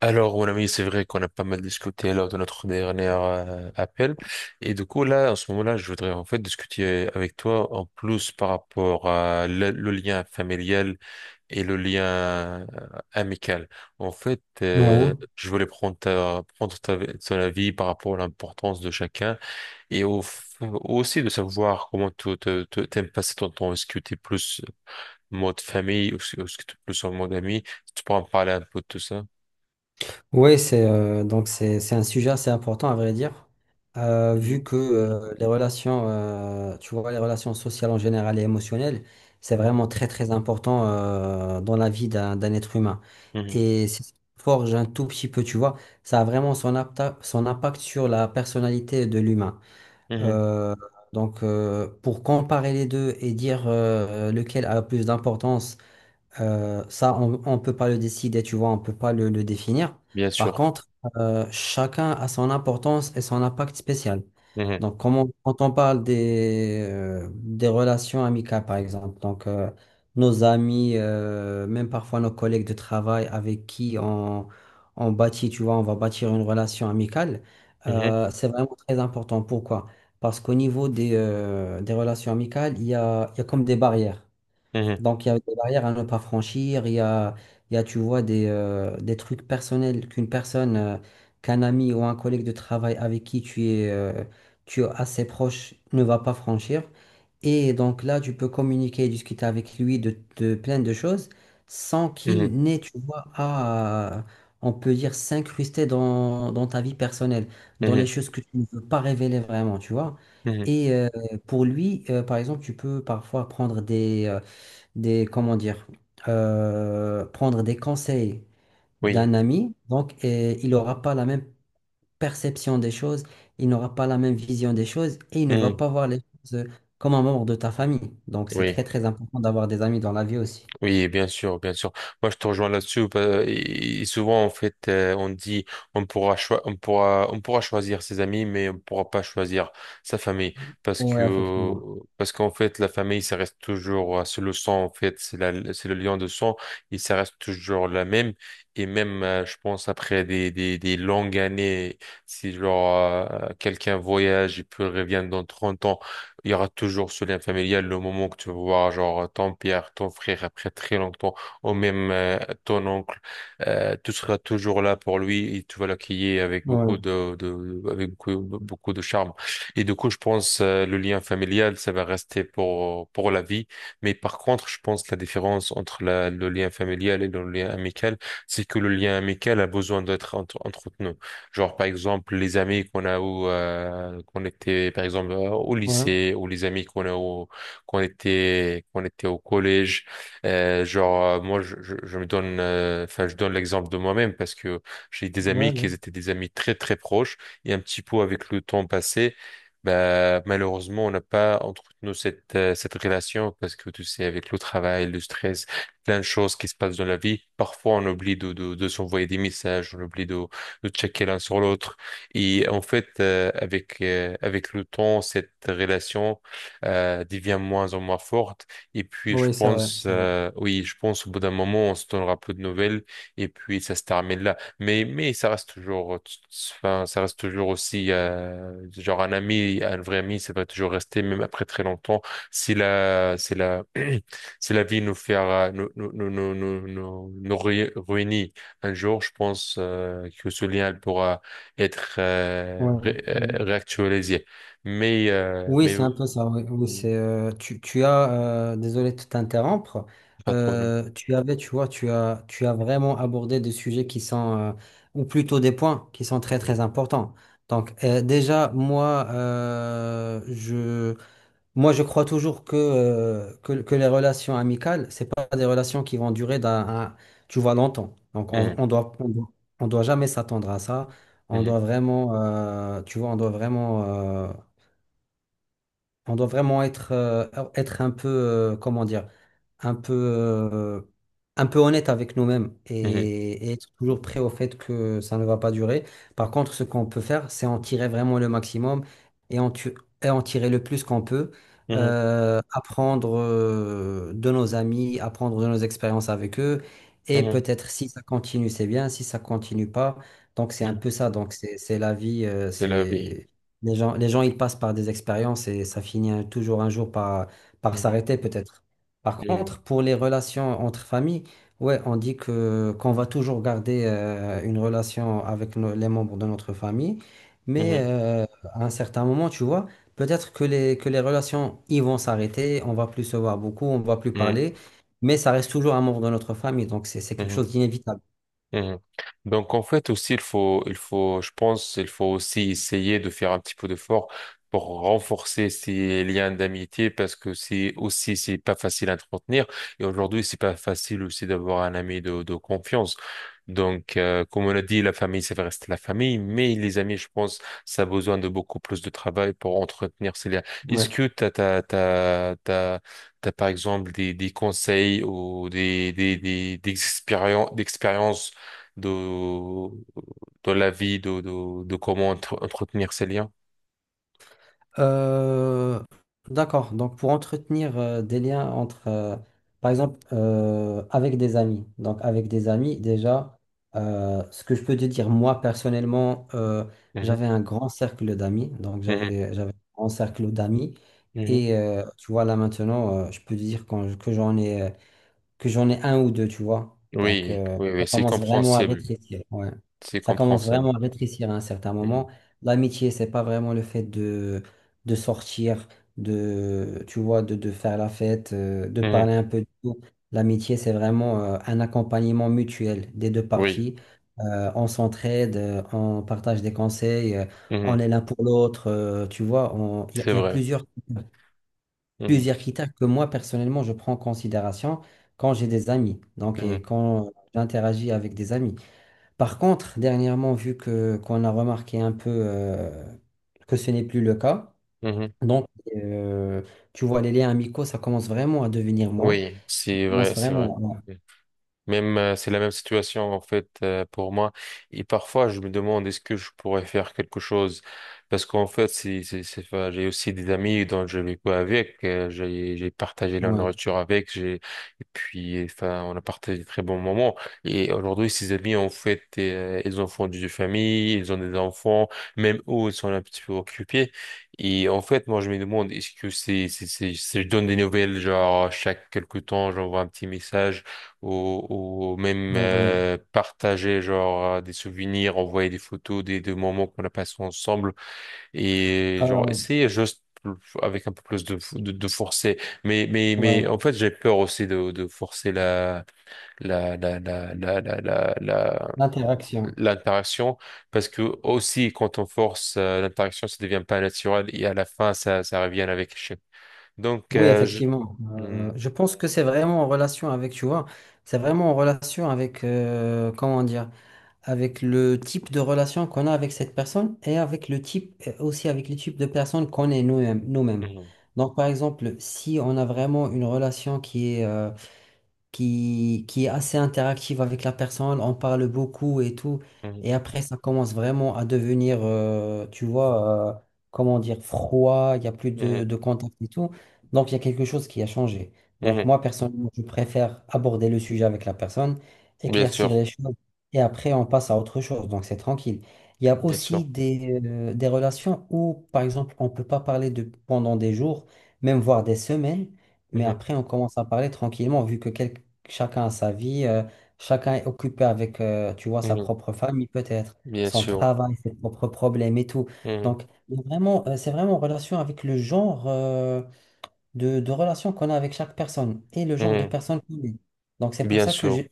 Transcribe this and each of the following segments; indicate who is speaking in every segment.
Speaker 1: Alors, mon ami, c'est vrai qu'on a pas mal discuté lors de notre dernier appel. Et du coup, là, en ce moment-là, je voudrais en fait discuter avec toi en plus par rapport à le lien familial et le lien euh, amical. En fait,
Speaker 2: Oui,
Speaker 1: je voulais prendre ton avis par rapport à l'importance de chacun et aussi de savoir comment tu t'aimes passer ton temps. Est-ce que tu es plus mode famille ou est-ce que tu es plus en mode ami? Si tu pourras me parler un peu de tout ça?
Speaker 2: oui, c'est donc c'est un sujet assez important à vrai dire.
Speaker 1: Mhm.
Speaker 2: Vu que les relations, tu vois, les relations sociales en général et émotionnelles, c'est
Speaker 1: Mhm.
Speaker 2: vraiment très très important dans la vie d'un être humain.
Speaker 1: Mhm.
Speaker 2: Et c'est ce qui forge un tout petit peu, tu vois, ça a vraiment son, son impact sur la personnalité de l'humain.
Speaker 1: Mhm.
Speaker 2: Euh, pour comparer les deux et dire lequel a plus d'importance. Ça, on ne peut pas le décider, tu vois, on ne peut pas le définir.
Speaker 1: Bien
Speaker 2: Par
Speaker 1: sûr.
Speaker 2: contre, chacun a son importance et son impact spécial.
Speaker 1: Mhm.
Speaker 2: Donc, quand on parle des relations amicales, par exemple, nos amis, même parfois nos collègues de travail avec qui on bâtit, tu vois, on va bâtir une relation amicale,
Speaker 1: Mhm.
Speaker 2: c'est vraiment très important. Pourquoi? Parce qu'au niveau des relations amicales, il y a comme des barrières.
Speaker 1: Mhm.
Speaker 2: Donc, il y a des barrières à ne pas franchir, il y a, tu vois, des trucs personnels qu'une personne, qu'un ami ou un collègue de travail avec qui tu es assez proche ne va pas franchir. Et donc là, tu peux communiquer et discuter avec lui de plein de choses sans
Speaker 1: Mhm.
Speaker 2: qu'il n'ait, tu vois, on peut dire, s'incruster dans ta vie personnelle, dans les
Speaker 1: Mhm.
Speaker 2: choses que tu ne veux pas révéler vraiment, tu vois.
Speaker 1: Mhm.
Speaker 2: Et euh, pour lui, par exemple, tu peux parfois comment dire, prendre des conseils
Speaker 1: Oui.
Speaker 2: d'un ami, donc et il n'aura pas la même perception des choses, il n'aura pas la même vision des choses et il ne va
Speaker 1: Mhm.
Speaker 2: pas voir les choses comme un membre de ta famille. Donc c'est
Speaker 1: Oui.
Speaker 2: très très important d'avoir des amis dans la vie aussi.
Speaker 1: Oui, bien sûr, bien sûr. Moi, je te rejoins là-dessus. Et souvent, en fait, on dit on pourra choisir ses amis, mais on pourra pas choisir sa famille parce
Speaker 2: Oui,
Speaker 1: que
Speaker 2: effectivement.
Speaker 1: parce qu'en fait, la famille, ça reste toujours c'est le sang en fait, c'est la c'est le lien de sang et ça reste toujours la même. Et même, je pense après des longues années, si genre quelqu'un voyage et puis revient dans 30 ans. Il y aura toujours ce lien familial, le moment que tu vas voir, genre, ton père, ton frère, après très longtemps, ou même ton oncle, tu seras toujours là pour lui et tu vas l'accueillir avec
Speaker 2: Ouais,
Speaker 1: avec beaucoup, beaucoup de charme. Et du coup, je pense, le lien familial, ça va rester pour la vie. Mais par contre, je pense la différence entre le lien familial et le lien amical, c'est que le lien amical a besoin d'être entretenu. Genre, par exemple, les amis qu'on était, par exemple, au
Speaker 2: ouais,
Speaker 1: lycée, ou les amis qu'on était au collège. Genre, moi, je me donne, enfin, je donne l'exemple de moi-même parce que j'ai des
Speaker 2: ouais,
Speaker 1: amis qui
Speaker 2: ouais.
Speaker 1: étaient des amis très, très proches et un petit peu avec le temps passé. Bah, malheureusement, on n'a pas entretenu cette relation parce que tu sais, avec le travail, le stress, plein de choses qui se passent dans la vie, parfois on oublie de s'envoyer des messages, on oublie de checker l'un sur l'autre. Et en fait, avec avec le temps, cette relation devient moins en moins forte. Et puis, je
Speaker 2: Oui, c'est vrai,
Speaker 1: pense,
Speaker 2: c'est vrai.
Speaker 1: oui, je pense au bout d'un moment, on se donnera peu de nouvelles. Et puis, ça se termine là. Mais ça reste toujours, enfin, ça reste toujours aussi genre un ami, un vrai ami, ça va toujours rester même après très longtemps. C'est la si la vie nous fera, nous réunit un jour, je pense que ce lien elle pourra être
Speaker 2: Ouais, ouais.
Speaker 1: réactualisé.
Speaker 2: Oui,
Speaker 1: Mais
Speaker 2: c'est un peu ça. Oui, oui,
Speaker 1: mm,
Speaker 2: c'est tu as désolé de t'interrompre.
Speaker 1: pas de problème.
Speaker 2: Tu vois, tu as vraiment abordé des sujets qui sont ou plutôt des points qui sont très très importants. Déjà moi je moi je crois toujours que les relations amicales c'est pas des relations qui vont durer tu vois longtemps. Donc
Speaker 1: Mhm,
Speaker 2: on doit jamais s'attendre à ça. On
Speaker 1: mhm,
Speaker 2: doit vraiment tu vois on doit vraiment être, être un peu, comment dire, un peu, euh, un peu honnête avec nous-mêmes
Speaker 1: mhm,
Speaker 2: et être toujours prêt au fait que ça ne va pas durer. Par contre, ce qu'on peut faire, c'est en tirer vraiment le maximum et en, tu- et en tirer le plus qu'on peut.
Speaker 1: mhm,
Speaker 2: Apprendre de nos amis, apprendre de nos expériences avec eux. Et
Speaker 1: mhm,
Speaker 2: peut-être si ça continue, c'est bien. Si ça continue pas, donc c'est
Speaker 1: mhm.
Speaker 2: un peu
Speaker 1: Mhm.
Speaker 2: ça. Donc c'est la vie.
Speaker 1: C'est la vie.
Speaker 2: C'est les gens, ils passent par des expériences et ça finit toujours un jour par, par
Speaker 1: Mhm,
Speaker 2: s'arrêter peut-être. Par
Speaker 1: mhm,
Speaker 2: contre, pour les relations entre familles, ouais, on dit que qu'on va toujours garder une relation avec les membres de notre famille, mais à un certain moment, tu vois, peut-être que les relations ils vont s'arrêter, on va plus se voir beaucoup, on va plus
Speaker 1: mhm,
Speaker 2: parler, mais ça reste toujours un membre de notre famille, donc c'est
Speaker 1: mhm,
Speaker 2: quelque
Speaker 1: mhm.
Speaker 2: chose d'inévitable.
Speaker 1: Mhm. Donc en fait aussi il faut je pense il faut aussi essayer de faire un petit peu d'effort pour renforcer ces liens d'amitié parce que c'est aussi c'est pas facile à entretenir et aujourd'hui c'est pas facile aussi d'avoir un ami de confiance. Donc comme on a dit la famille ça va rester la famille mais les amis je pense ça a besoin de beaucoup plus de travail pour entretenir ces liens. Est-ce
Speaker 2: Ouais.
Speaker 1: que t'as par exemple des conseils ou des d'expériences de, de la vie, de comment entretenir ces liens.
Speaker 2: Euh, d'accord. Donc, pour entretenir des liens entre, par exemple, avec des amis. Donc, avec des amis, déjà, ce que je peux te dire, moi, personnellement,
Speaker 1: Mhm,
Speaker 2: j'avais un grand cercle d'amis. Donc,
Speaker 1: mhm,
Speaker 2: j'avais un grand cercle d'amis.
Speaker 1: mhm.
Speaker 2: Et tu vois, là, maintenant, je peux te dire que j'en ai. Que j'en ai un ou deux, tu vois. Donc,
Speaker 1: Oui, oui,
Speaker 2: ça
Speaker 1: oui, c'est
Speaker 2: commence vraiment à
Speaker 1: compréhensible.
Speaker 2: rétrécir. Ouais.
Speaker 1: C'est
Speaker 2: Ça commence
Speaker 1: compréhensible.
Speaker 2: vraiment à rétrécir à un certain
Speaker 1: Mhm,
Speaker 2: moment. L'amitié, c'est pas vraiment le fait de sortir, tu vois, de faire la fête, de
Speaker 1: mhm.
Speaker 2: parler un peu de tout. L'amitié, c'est vraiment un accompagnement mutuel des deux
Speaker 1: Oui,
Speaker 2: parties. On s'entraide, on partage des conseils, on
Speaker 1: mhm.
Speaker 2: est l'un pour l'autre, tu vois. Il y a
Speaker 1: C'est vrai.
Speaker 2: plusieurs
Speaker 1: Mhm,
Speaker 2: plusieurs critères que moi, personnellement, je prends en considération quand j'ai des amis, donc et
Speaker 1: mhm,
Speaker 2: quand j'interagis avec des amis. Par contre, dernièrement, vu que qu'on a remarqué un peu que ce n'est plus le cas,
Speaker 1: mhm.
Speaker 2: donc euh, tu vois, les liens amicaux, ça commence vraiment à devenir moins.
Speaker 1: Oui,
Speaker 2: Ça
Speaker 1: c'est vrai,
Speaker 2: commence
Speaker 1: c'est vrai.
Speaker 2: vraiment.
Speaker 1: Même c'est la même situation en fait pour moi. Et parfois je me demande est-ce que je pourrais faire quelque chose parce qu'en fait c'est enfin, j'ai aussi des amis dont je vécu avec, j'ai partagé la
Speaker 2: Ouais,
Speaker 1: nourriture avec, j'ai et puis enfin on a partagé de très bons moments. Et aujourd'hui ces amis en fait ils ont fondé des familles, ils ont des enfants, même eux ils sont un petit peu occupés. Et en fait moi je me demande est-ce que je donne des nouvelles genre chaque quelque temps j'envoie un petit message ou même
Speaker 2: ouais, ouais.
Speaker 1: partager genre des souvenirs, envoyer des photos des moments qu'on a passés ensemble et genre
Speaker 2: Euh,
Speaker 1: essayer juste avec un peu plus de forcer.
Speaker 2: ouais,
Speaker 1: Mais en fait, j'ai peur aussi de forcer la, la, la, la, la, la, la-
Speaker 2: l'interaction.
Speaker 1: l'interaction parce que aussi quand on force l'interaction, ça devient pas naturel et à la fin, ça revient avec échec. Donc,
Speaker 2: Oui,
Speaker 1: je...
Speaker 2: effectivement.
Speaker 1: Mhm,
Speaker 2: Je pense que c'est vraiment en relation avec, tu vois, c'est vraiment en relation avec, comment dire, avec le type de relation qu'on a avec cette personne et avec le type, et aussi avec le type de personne qu'on est nous-mêmes.
Speaker 1: mhm,
Speaker 2: Donc, par exemple, si on a vraiment une relation qui est, qui est assez interactive avec la personne, on parle beaucoup et tout.
Speaker 1: mhm,
Speaker 2: Et après, ça commence vraiment à devenir, tu vois, comment dire, froid, il n'y a plus
Speaker 1: mhm,
Speaker 2: de contact et tout. Donc, il y a quelque chose qui a changé. Donc,
Speaker 1: mhm.
Speaker 2: moi, personnellement, je préfère aborder le sujet avec la personne,
Speaker 1: Bien
Speaker 2: éclaircir
Speaker 1: sûr,
Speaker 2: les choses, et après, on passe à autre chose. Donc, c'est tranquille. Il y a
Speaker 1: bien sûr.
Speaker 2: aussi des relations où, par exemple, on ne peut pas parler de, pendant des jours, même voire des semaines. Mais
Speaker 1: Mhm,
Speaker 2: après, on commence à parler tranquillement, chacun a sa vie, chacun est occupé avec, tu vois, sa
Speaker 1: mhm,
Speaker 2: propre famille peut-être,
Speaker 1: bien
Speaker 2: son
Speaker 1: sûr.
Speaker 2: travail, ses propres problèmes et tout.
Speaker 1: Mhm,
Speaker 2: Donc, il y a vraiment, c'est vraiment en relation avec le genre. De relation qu'on a avec chaque personne et le genre de
Speaker 1: mhm,
Speaker 2: personne qu'on est. Donc c'est pour
Speaker 1: bien
Speaker 2: ça que
Speaker 1: sûr.
Speaker 2: j'ai,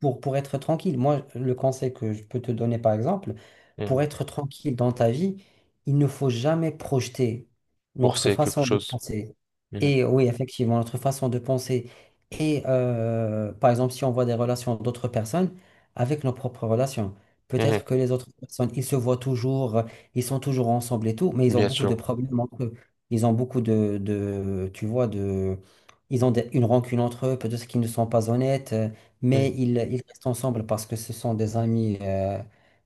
Speaker 2: Pour être tranquille, moi, le conseil que je peux te donner, par exemple, pour
Speaker 1: Mhm,
Speaker 2: être tranquille dans ta vie, il ne faut jamais projeter notre
Speaker 1: forcer quelque
Speaker 2: façon de
Speaker 1: chose.
Speaker 2: penser.
Speaker 1: Mhm,
Speaker 2: Et oui, effectivement, notre façon de penser. Et par exemple, si on voit des relations d'autres personnes avec nos propres relations.
Speaker 1: mhm,
Speaker 2: Peut-être que les autres personnes, ils se voient toujours, ils sont toujours ensemble et tout, mais ils ont
Speaker 1: bien
Speaker 2: beaucoup de
Speaker 1: sûr.
Speaker 2: problèmes entre eux. Ils ont beaucoup tu vois, ils ont une rancune entre eux, peut-être qu'ils ne sont pas honnêtes, mais ils restent ensemble parce que ce sont des amis,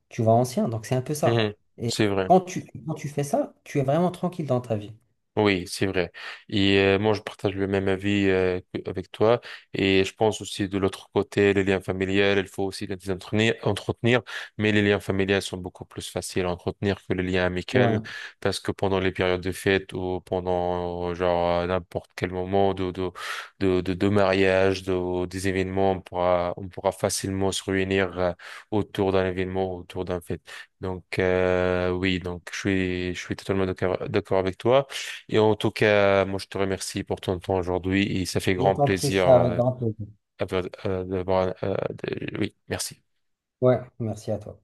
Speaker 2: tu vois, anciens. Donc c'est un peu
Speaker 1: Mhm,
Speaker 2: ça.
Speaker 1: mhm,
Speaker 2: Et
Speaker 1: c'est vrai.
Speaker 2: quand tu fais ça, tu es vraiment tranquille dans ta vie.
Speaker 1: Oui, c'est vrai. Et moi, je partage le même avis avec toi. Et je pense aussi de l'autre côté, les liens familiaux, il faut aussi les entretenir, entretenir. Mais les liens familiaux sont beaucoup plus faciles à entretenir que les liens amicaux,
Speaker 2: Ouais,
Speaker 1: parce que pendant les périodes de fête ou pendant genre à n'importe quel moment de mariage, des événements, on pourra facilement se réunir autour d'un événement, autour d'un fête. Donc oui, donc je suis totalement d'accord avec toi. Et en tout cas, moi, je te remercie pour ton temps aujourd'hui et ça fait
Speaker 2: je
Speaker 1: grand
Speaker 2: t'en prie
Speaker 1: plaisir
Speaker 2: ça avec grand plaisir.
Speaker 1: avoir- euh, d'avoir... euh, Oui, merci.
Speaker 2: Ouais, merci à toi.